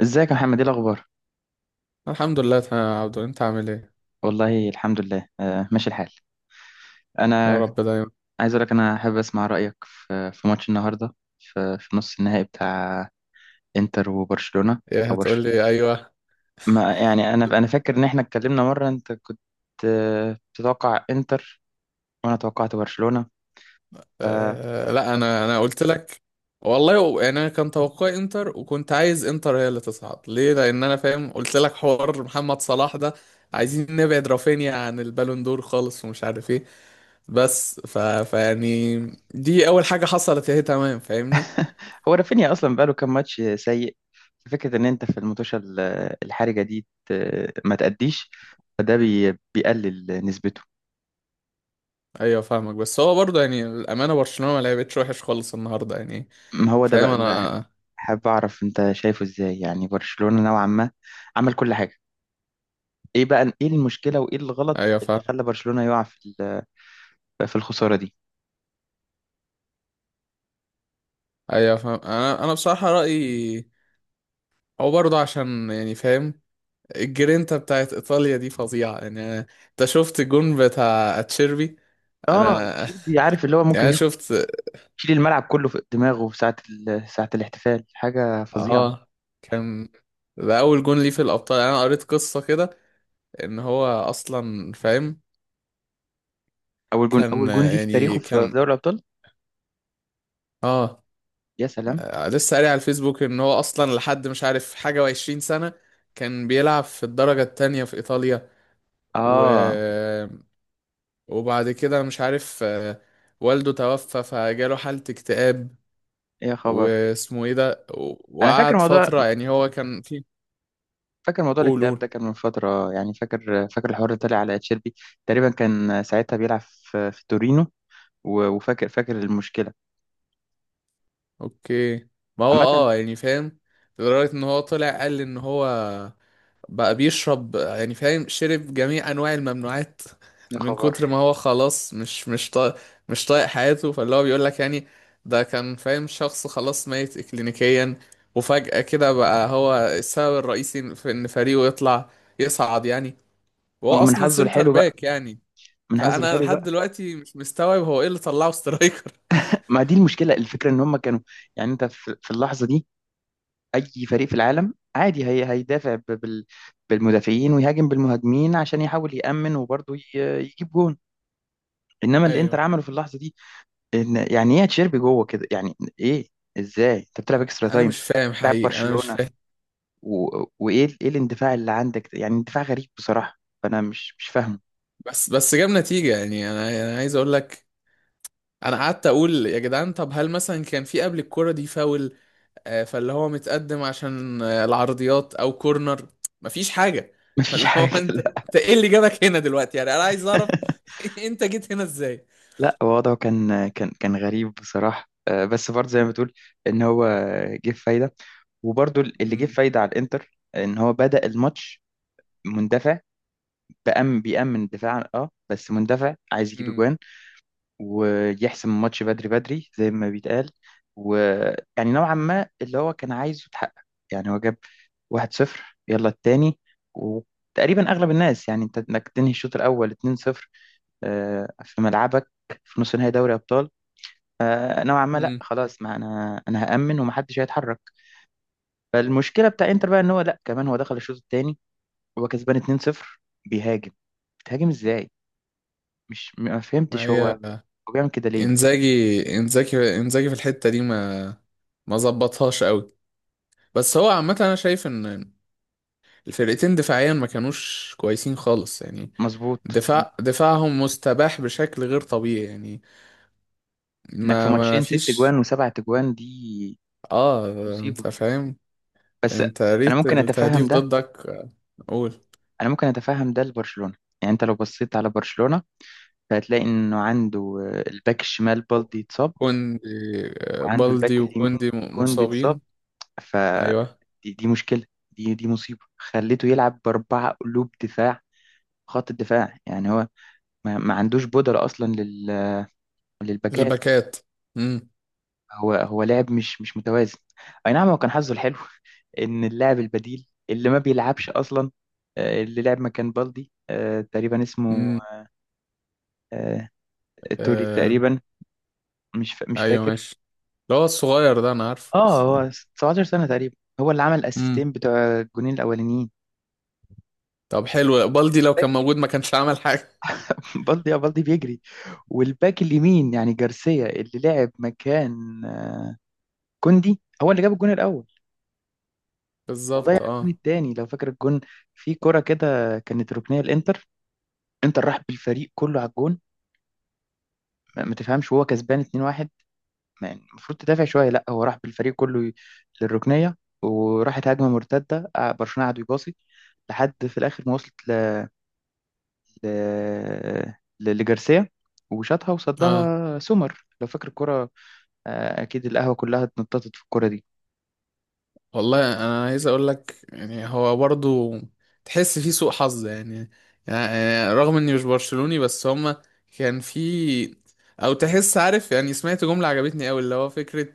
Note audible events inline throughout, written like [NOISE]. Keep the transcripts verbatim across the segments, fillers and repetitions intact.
ازيك يا محمد؟ ايه الاخبار؟ الحمد لله تمام يا عبدو، انت عامل ايه؟ والله الحمد لله، آه ماشي الحال. يا انا رب دايما. عايز اقول لك، انا حابب اسمع رايك في في ماتش النهارده، في, في نص النهائي بتاع انتر وبرشلونه، ايه او هتقول برش. لي؟ ايوه. ما يعني، انا انا فاكر ان احنا اتكلمنا مره، انت كنت آه، بتتوقع انتر، وانا توقعت برشلونه. فهو آه، لا، انا انا قلت لك. والله و- يعني انا كان توقعي انتر، وكنت عايز انتر هي اللي تصعد ليه، لان انا فاهم قلت لك حوار محمد صلاح ده، عايزين نبعد رافينيا عن البالون دور خالص ومش عارف ايه. بس ف... فيعني دي اول حاجه حصلت اهي، تمام فاهمني؟ رافينيا اصلا بقاله كام ماتش سيء، ففكره ان انت في المطوشه ال- الحرجه دي ت- ما تأديش، فده بي- بيقلل نسبته. ايوه فاهمك، بس هو برضه يعني الامانه برشلونه ما لعبتش وحش خالص النهارده يعني. ما هو ده فاهم بقى. انا. حابب اعرف انت شايفه ازاي، يعني برشلونة نوعا ما عمل كل حاجة. ايه بقى، ايه المشكلة وايه الغلط ايوه اللي فاهم. خلى برشلونة يقع في ال- في الخسارة دي؟ ايوه فاهم. انا انا بصراحه رايي هو برضه عشان يعني فاهم الجرينتا بتاعت ايطاليا دي فظيعه يعني. أنا- انت شفت الجون بتاع اتشيربي؟ اه انا [LAUGHS] تشيلبي، عارف اللي هو يعني ممكن أنا ياخد، شفت. يشيل الملعب كله في دماغه في ساعة ال- ساعة الاحتفال. حاجة فظيعة. اه. كان ده اول جون ليه في الابطال، يعني انا قريت قصه كده ان هو اصلا فاهم. اول جون اول كان جون ليه في يعني تاريخه في كان. دوري الابطال. اه. يا سلام. آه، لسه قاري على الفيسبوك ان هو اصلا لحد مش عارف حاجه وعشرين سنه كان بيلعب في الدرجه التانية في ايطاليا. و اه. وبعد كده مش عارف. آه، والده توفى فجاله حالة اكتئاب. إيه يا خبر. واسمه ايه ده؟ و- انا فاكر وقعد موضوع فترة، يعني هو كان في. فاكر موضوع قول الاكتئاب ده قول. كان من فترة، يعني فاكر فاكر الحوار اللي طلع على تشيلبي. تقريبا كان ساعتها بيلعب في في تورينو، و- وفاكر فاكر المشكلة اوكي. ما هو عامة. اه يعني فاهم. لدرجة ان هو طلع قال ان هو بقى بيشرب، يعني فاهم، شرب جميع انواع الممنوعات يا من خبر. كتر ما هو خلاص مش مش طايق. مش طايق حياته، فاللي هو بيقول لك يعني ده كان فاهم شخص خلاص ميت اكلينيكيا. وفجأة كده بقى هو السبب الرئيسي في ان فريقه يطلع، يصعد يعني. وهو هو من اصلا حظه سنتر الحلو بقى، باك يعني. من حظه فانا الحلو لحد بقى. دلوقتي مش مستوعب هو ايه اللي طلعه سترايكر. ما دي المشكله، الفكره ان هم كانوا، يعني انت في في اللحظه دي، اي فريق في العالم عادي هي هيدافع ب- بال بالمدافعين ويهاجم بالمهاجمين، عشان يحاول يأمن وبرضه ي- يجيب جون. انما اللي انتر ايوه. عمله في اللحظه دي ان، يعني ايه تشيربي جوه كده؟ يعني ايه؟ ازاي انت بتلعب اكسترا انا تايم؟ مش فاهم بتلعب حقيقي، انا مش برشلونه، فاهم. و... وايه ال- ايه الاندفاع اللي عندك ده؟ يعني اندفاع غريب بصراحه، فانا مش مش فاهمه. بس بس جاب نتيجة. يعني انا انا عايز اقول لك انا قعدت اقول يا جدعان، طب هل مثلا كان في قبل الكرة دي فاول، آه، فاللي هو متقدم عشان آه، العرضيات او كورنر؟ مفيش حاجة. [LAUGHS] [LAUGHS] مفيش فاللي هو حاجه. انت انت ايه اللي جابك هنا دلوقتي؟ يعني انا عايز لا، اعرف. [LAUGHS] انت جيت هنا ازاي؟ لا وضعه كان كان كان غريب بصراحة، آه، بس برضه زي ما بتقول ان هو جه في فايدة. وبرضه اللي جه في امم فايدة على الانتر ان هو بدأ الماتش مندفع، بأم بيأمن دفاعا، اه، بس مندفع عايز يجيب امم اجوان، ويحسم الماتش بدري بدري زي ما بيتقال، ويعني نوعا ما اللي هو كان عايزه اتحقق. يعني هو جاب واحد صفر، يلا التاني، وتقريبا اغلب الناس، يعني انت انك تنهي الشوط الاول اتنين صفر آه، في ملعبك في نص نهائي دوري ابطال آه، نوعا ما، لا امم خلاص، ما انا انا هأمن ومحدش هيتحرك. فالمشكله بتاع انتر بقى ان هو، لا كمان هو دخل الشوط الثاني هو كسبان اتنين صفر بيهاجم. بتهاجم ازاي؟ مش ما ما فهمتش، هو هي هو بيعمل كده ليه؟ انزاجي. انزاجي انزاجي في الحتة دي ما ما ظبطهاش قوي. بس هو عامة انا شايف ان الفرقتين دفاعيا ما كانوش كويسين خالص يعني. مظبوط. دفاع دفاعهم مستباح بشكل غير طبيعي يعني. انك في ما ما ماتشين ست فيش. جوان وسبع تجوان دي اه. مصيبه. انت فاهم، بس انت انا قريت ممكن اتفهم التهديف ده، ضدك. قول. انا ممكن اتفهم ده لبرشلونه. يعني انت لو بصيت على برشلونه، فهتلاقي انه عنده آه، الباك الشمال بالدي اتصاب، كوندي. آه، وعنده الباك بالدي اليمين وكوندي م- كوندي اتصاب، مصابين. ف ايوه. دي, دي مشكلة، دي دي مصيبة. خليته يلعب بأربعة قلوب دفاع. خط الدفاع يعني هو ما, ما عندوش بودرة أصلا لل... للباكات. الباكات. امم هو هو لاعب مش مش متوازن. أي نعم هو كان حظه الحلو، [LAUGHS] إن اللاعب البديل اللي ما بيلعبش أصلا، آه، اللي لعب مكان بالدي، آه، تقريبا اسمه امم آه، توري آه. تقريبا، مش فا- مش ايوه فاكر. ماشي. اللي هو الصغير ده انا عارفه اه، بس. هو 17 سنة تقريبا، هو اللي عمل امم الأسيستين بتوع الجونين الأولانيين. طب حلو، بالدي لو كان موجود ما كانش عمل حاجه. [LAUGHS] بالدي اه بالدي بيجري. والباك اليمين يعني جارسيا، اللي لعب مكان كوندي، هو اللي جاب الجون الاول [LAUGHS] وضيع بالظبط الجون اه. الثاني. لو فاكر الجون، في كرة كده كانت ركنيه الانتر، انتر راح بالفريق كله على الجون. ما ما تفهمش وهو كسبان اتنين واحد، يعني المفروض تدافع شويه، لا، هو راح بالفريق كله ي- للركنيه، وراحت هجمه مرتده، آه، برشلونه قعدوا يباصي لحد في الاخر ما وصلت ل... ل... ل- لجارسيا، وشاطها اه. وصدها سومر. لو فاكر الكرة، آه، اكيد القهوه كلها اتنططت في الكوره دي. والله انا عايز اقول لك، يعني هو برضو تحس فيه سوء حظ يعني، يعني رغم اني مش برشلوني بس هما كان في، او تحس عارف يعني سمعت جملة عجبتني قوي اللي هو فكرة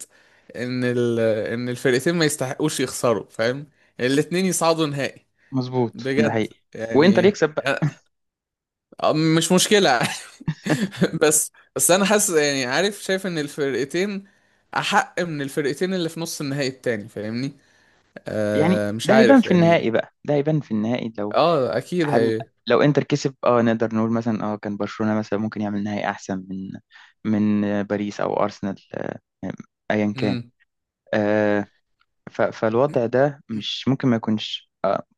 ان ال... ان الفرقتين ما يستحقوش يخسروا فاهم، الاتنين يصعدوا نهائي. مظبوط، ده بجد حقيقي. وانتر يعني. يكسب بقى. أ- مش مشكلة. [LAUGHS] بس بس انا حاسس يعني، عارف شايف ان الفرقتين احق من الفرقتين اللي في نص النهائي التاني فاهمني. يعني آه مش ده هيبان عارف في يعني. النهائي بقى، ده هيبان في النهائي لو، اه اكيد هل هي. لو انتر كسب، اه نقدر نقول مثلا، اه كان برشلونه مثلا ممكن يعمل نهائي احسن من من آه، باريس او ارسنال، آه، آه، ايا كان، امم آه، ف- فالوضع ده مش ممكن ما يكونش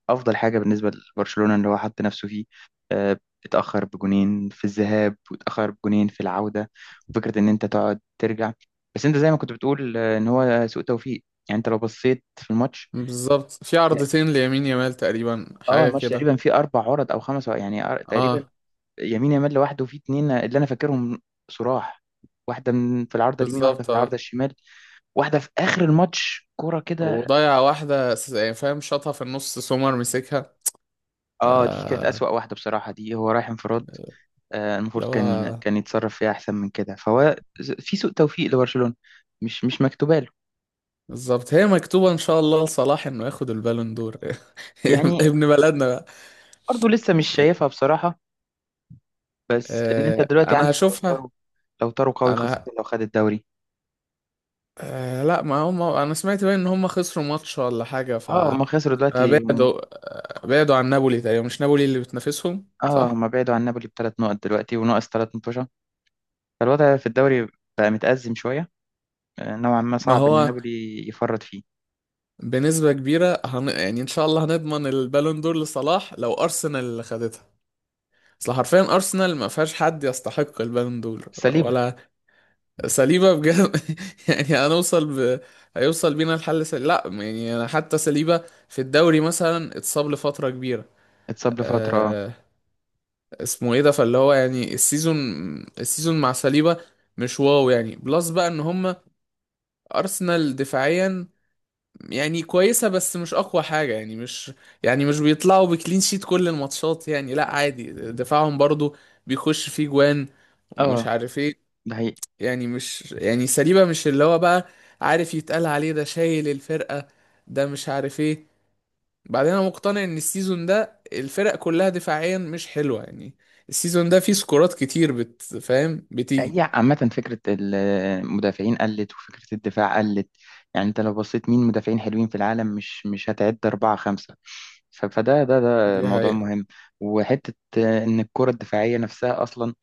افضل حاجه بالنسبه لبرشلونه اللي هو حط نفسه فيه، آه، اتاخر بجونين في الذهاب واتاخر بجونين في العوده. فكره ان انت تقعد ترجع، بس انت زي ما كنت بتقول آه، ان هو سوء توفيق. يعني انت لو بصيت في الماتش، بالظبط، في عرضتين ليمين يامال تقريبا اه حاجة الماتش كده. تقريبا فيه اربع عرض او خمس عرض، يعني أر- تقريبا اه يمين يامال لوحده، وفيه اتنين اللي انا فاكرهم، صراح، واحده من في العارضه اليمين، واحده في بالظبط العارضه اه. الشمال، واحده في اخر الماتش كرة كده. وضيع واحدة س- يعني فاهم شاطها في النص، سومر مسكها. ف اه دي كانت اللي اسوأ واحده بصراحه، دي هو رايح انفراد، آه، المفروض كان هو كان يتصرف فيها احسن من كده. فهو ز- في سوء توفيق لبرشلونة، مش مش مكتوبه له. بالظبط، هي مكتوبة ان شاء الله لصلاح انه ياخد البالون دور. [LAUGHS] يعني ابن بلدنا بقى. برضه لسه مش يعني شايفها بصراحة، بس لان انت آه، دلوقتي انا عندك، لو هشوفها. طاروا، لو طاروا قوي، خاصة انا لو خد الدوري. آه، لا ما هم انا سمعت بقى ان هم خسروا ماتش ولا حاجة. اه آه، هم خسروا دلوقتي هم. بعدوا. آه، بعدوا عن نابولي تقريبا، مش نابولي اللي بتنافسهم اه صح؟ هم بعدوا عن نابولي بتلات نقط دلوقتي وناقص تلات متوشة. فالوضع في الدوري بقى متأزم شوية، آه، نوعا ما ما صعب ان هو نابولي يفرط فيه. بنسبة كبيرة هن... يعني ان شاء الله هنضمن البالون دور لصلاح لو ارسنال اللي خدتها. اصل حرفيا ارسنال ما فيهاش حد يستحق البالون دور. سليبة ولا سليبة بجد. [LAUGHS] يعني هنوصل ب... هيوصل بينا الحل سل... لا يعني انا حتى سليبة في الدوري مثلا اتصاب لفترة كبيرة. اتصاب لفترة، اه. أه... اسمه ايه ده؟ فاللي هو يعني السيزون، السيزون مع سليبة مش واو يعني بلس بقى ان هم ارسنال دفاعيا يعني كويسه بس مش اقوى حاجه يعني مش، يعني مش بيطلعوا بكلين شيت كل الماتشات يعني. لا عادي، دفاعهم برضو بيخش فيه جوان ومش اه عارف ايه. ده حقيقي. يعني مش، يعني سليبه مش اللي هو بقى عارف يتقال عليه ده شايل الفرقه، ده مش عارف ايه. بعدين انا مقتنع ان السيزون ده الفرق كلها دفاعيا مش حلوه يعني. السيزون ده فيه سكورات كتير بت فاهم هي بتيجي. عامة فكرة المدافعين قلت وفكرة الدفاع قلت. يعني انت لو بصيت مين مدافعين حلوين في العالم، مش مش هتعد أربعة خمسة. ف- فده ده ده دي موضوع حقيقة. مهم. وحتة إن الكرة الدفاعية نفسها أصلا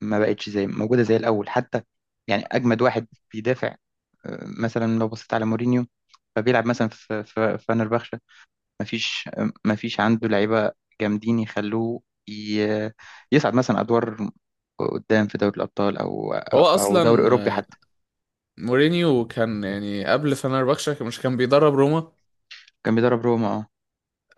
ما بقتش زي موجودة زي الأول حتى. يعني أجمد واحد بيدافع آه، مثلا لو بصيت على مورينيو، فبيلعب مثلا في في فنربخشة، مفيش مفيش عنده لعيبة جامدين يخلوه ي- يصعد مثلا أدوار قدام في دوري الأبطال أو هو أو دوري اصلا أوروبي حتى. مورينيو كان يعني قبل فنربخشة مش كان بيدرب روما؟ كان بيدرب روما، اه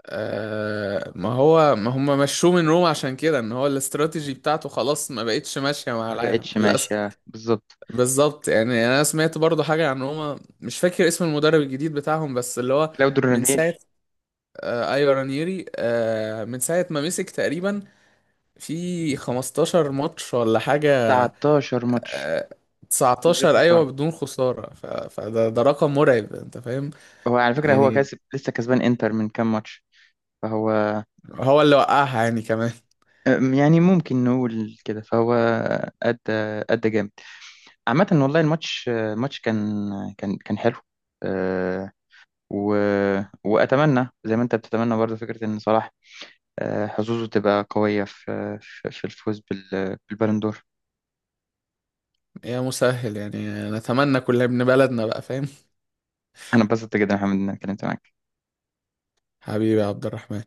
آه ما هو ما هم مشوه من روما عشان كده ان هو الاستراتيجي بتاعته خلاص ما بقتش ماشية مع ما العالم بقتش للأسف. ماشية بالظبط. بالظبط. يعني انا سمعت برضو حاجة عن روما، مش فاكر اسم المدرب الجديد بتاعهم بس اللي هو كلاوديو من رانيري ساعة. آه ايوه رانييري. آه من ساعة ما مسك تقريبا في خمستاشر ماتش ولا حاجة. تسعة عشر ماتش آه من غير تسعتاشر خسارة. ايوه بدون خسارة. ف- فده ده رقم مرعب، انت فاهم. هو على فكرة هو يعني كاسب، لسه كسبان إنتر من كام ماتش، فهو هو اللي وقعها يعني كمان. أم، يعني ممكن نقول كده، فهو أدى أدى جامد. عامة والله الماتش الماتش كان كان كان حلو، آه، و... واتمنى زي ما انت بتتمنى برضه فكره ان صلاح آه، حظوظه تبقى قويه في آه، في في الفوز بال... بالبالون دور. يا مسهل يعني، نتمنى كل ابن بلدنا بقى فاهم. انا اتبسطت جدا يا محمد، ان انا اتكلمت معاك. حبيبي يا عبد الرحمن.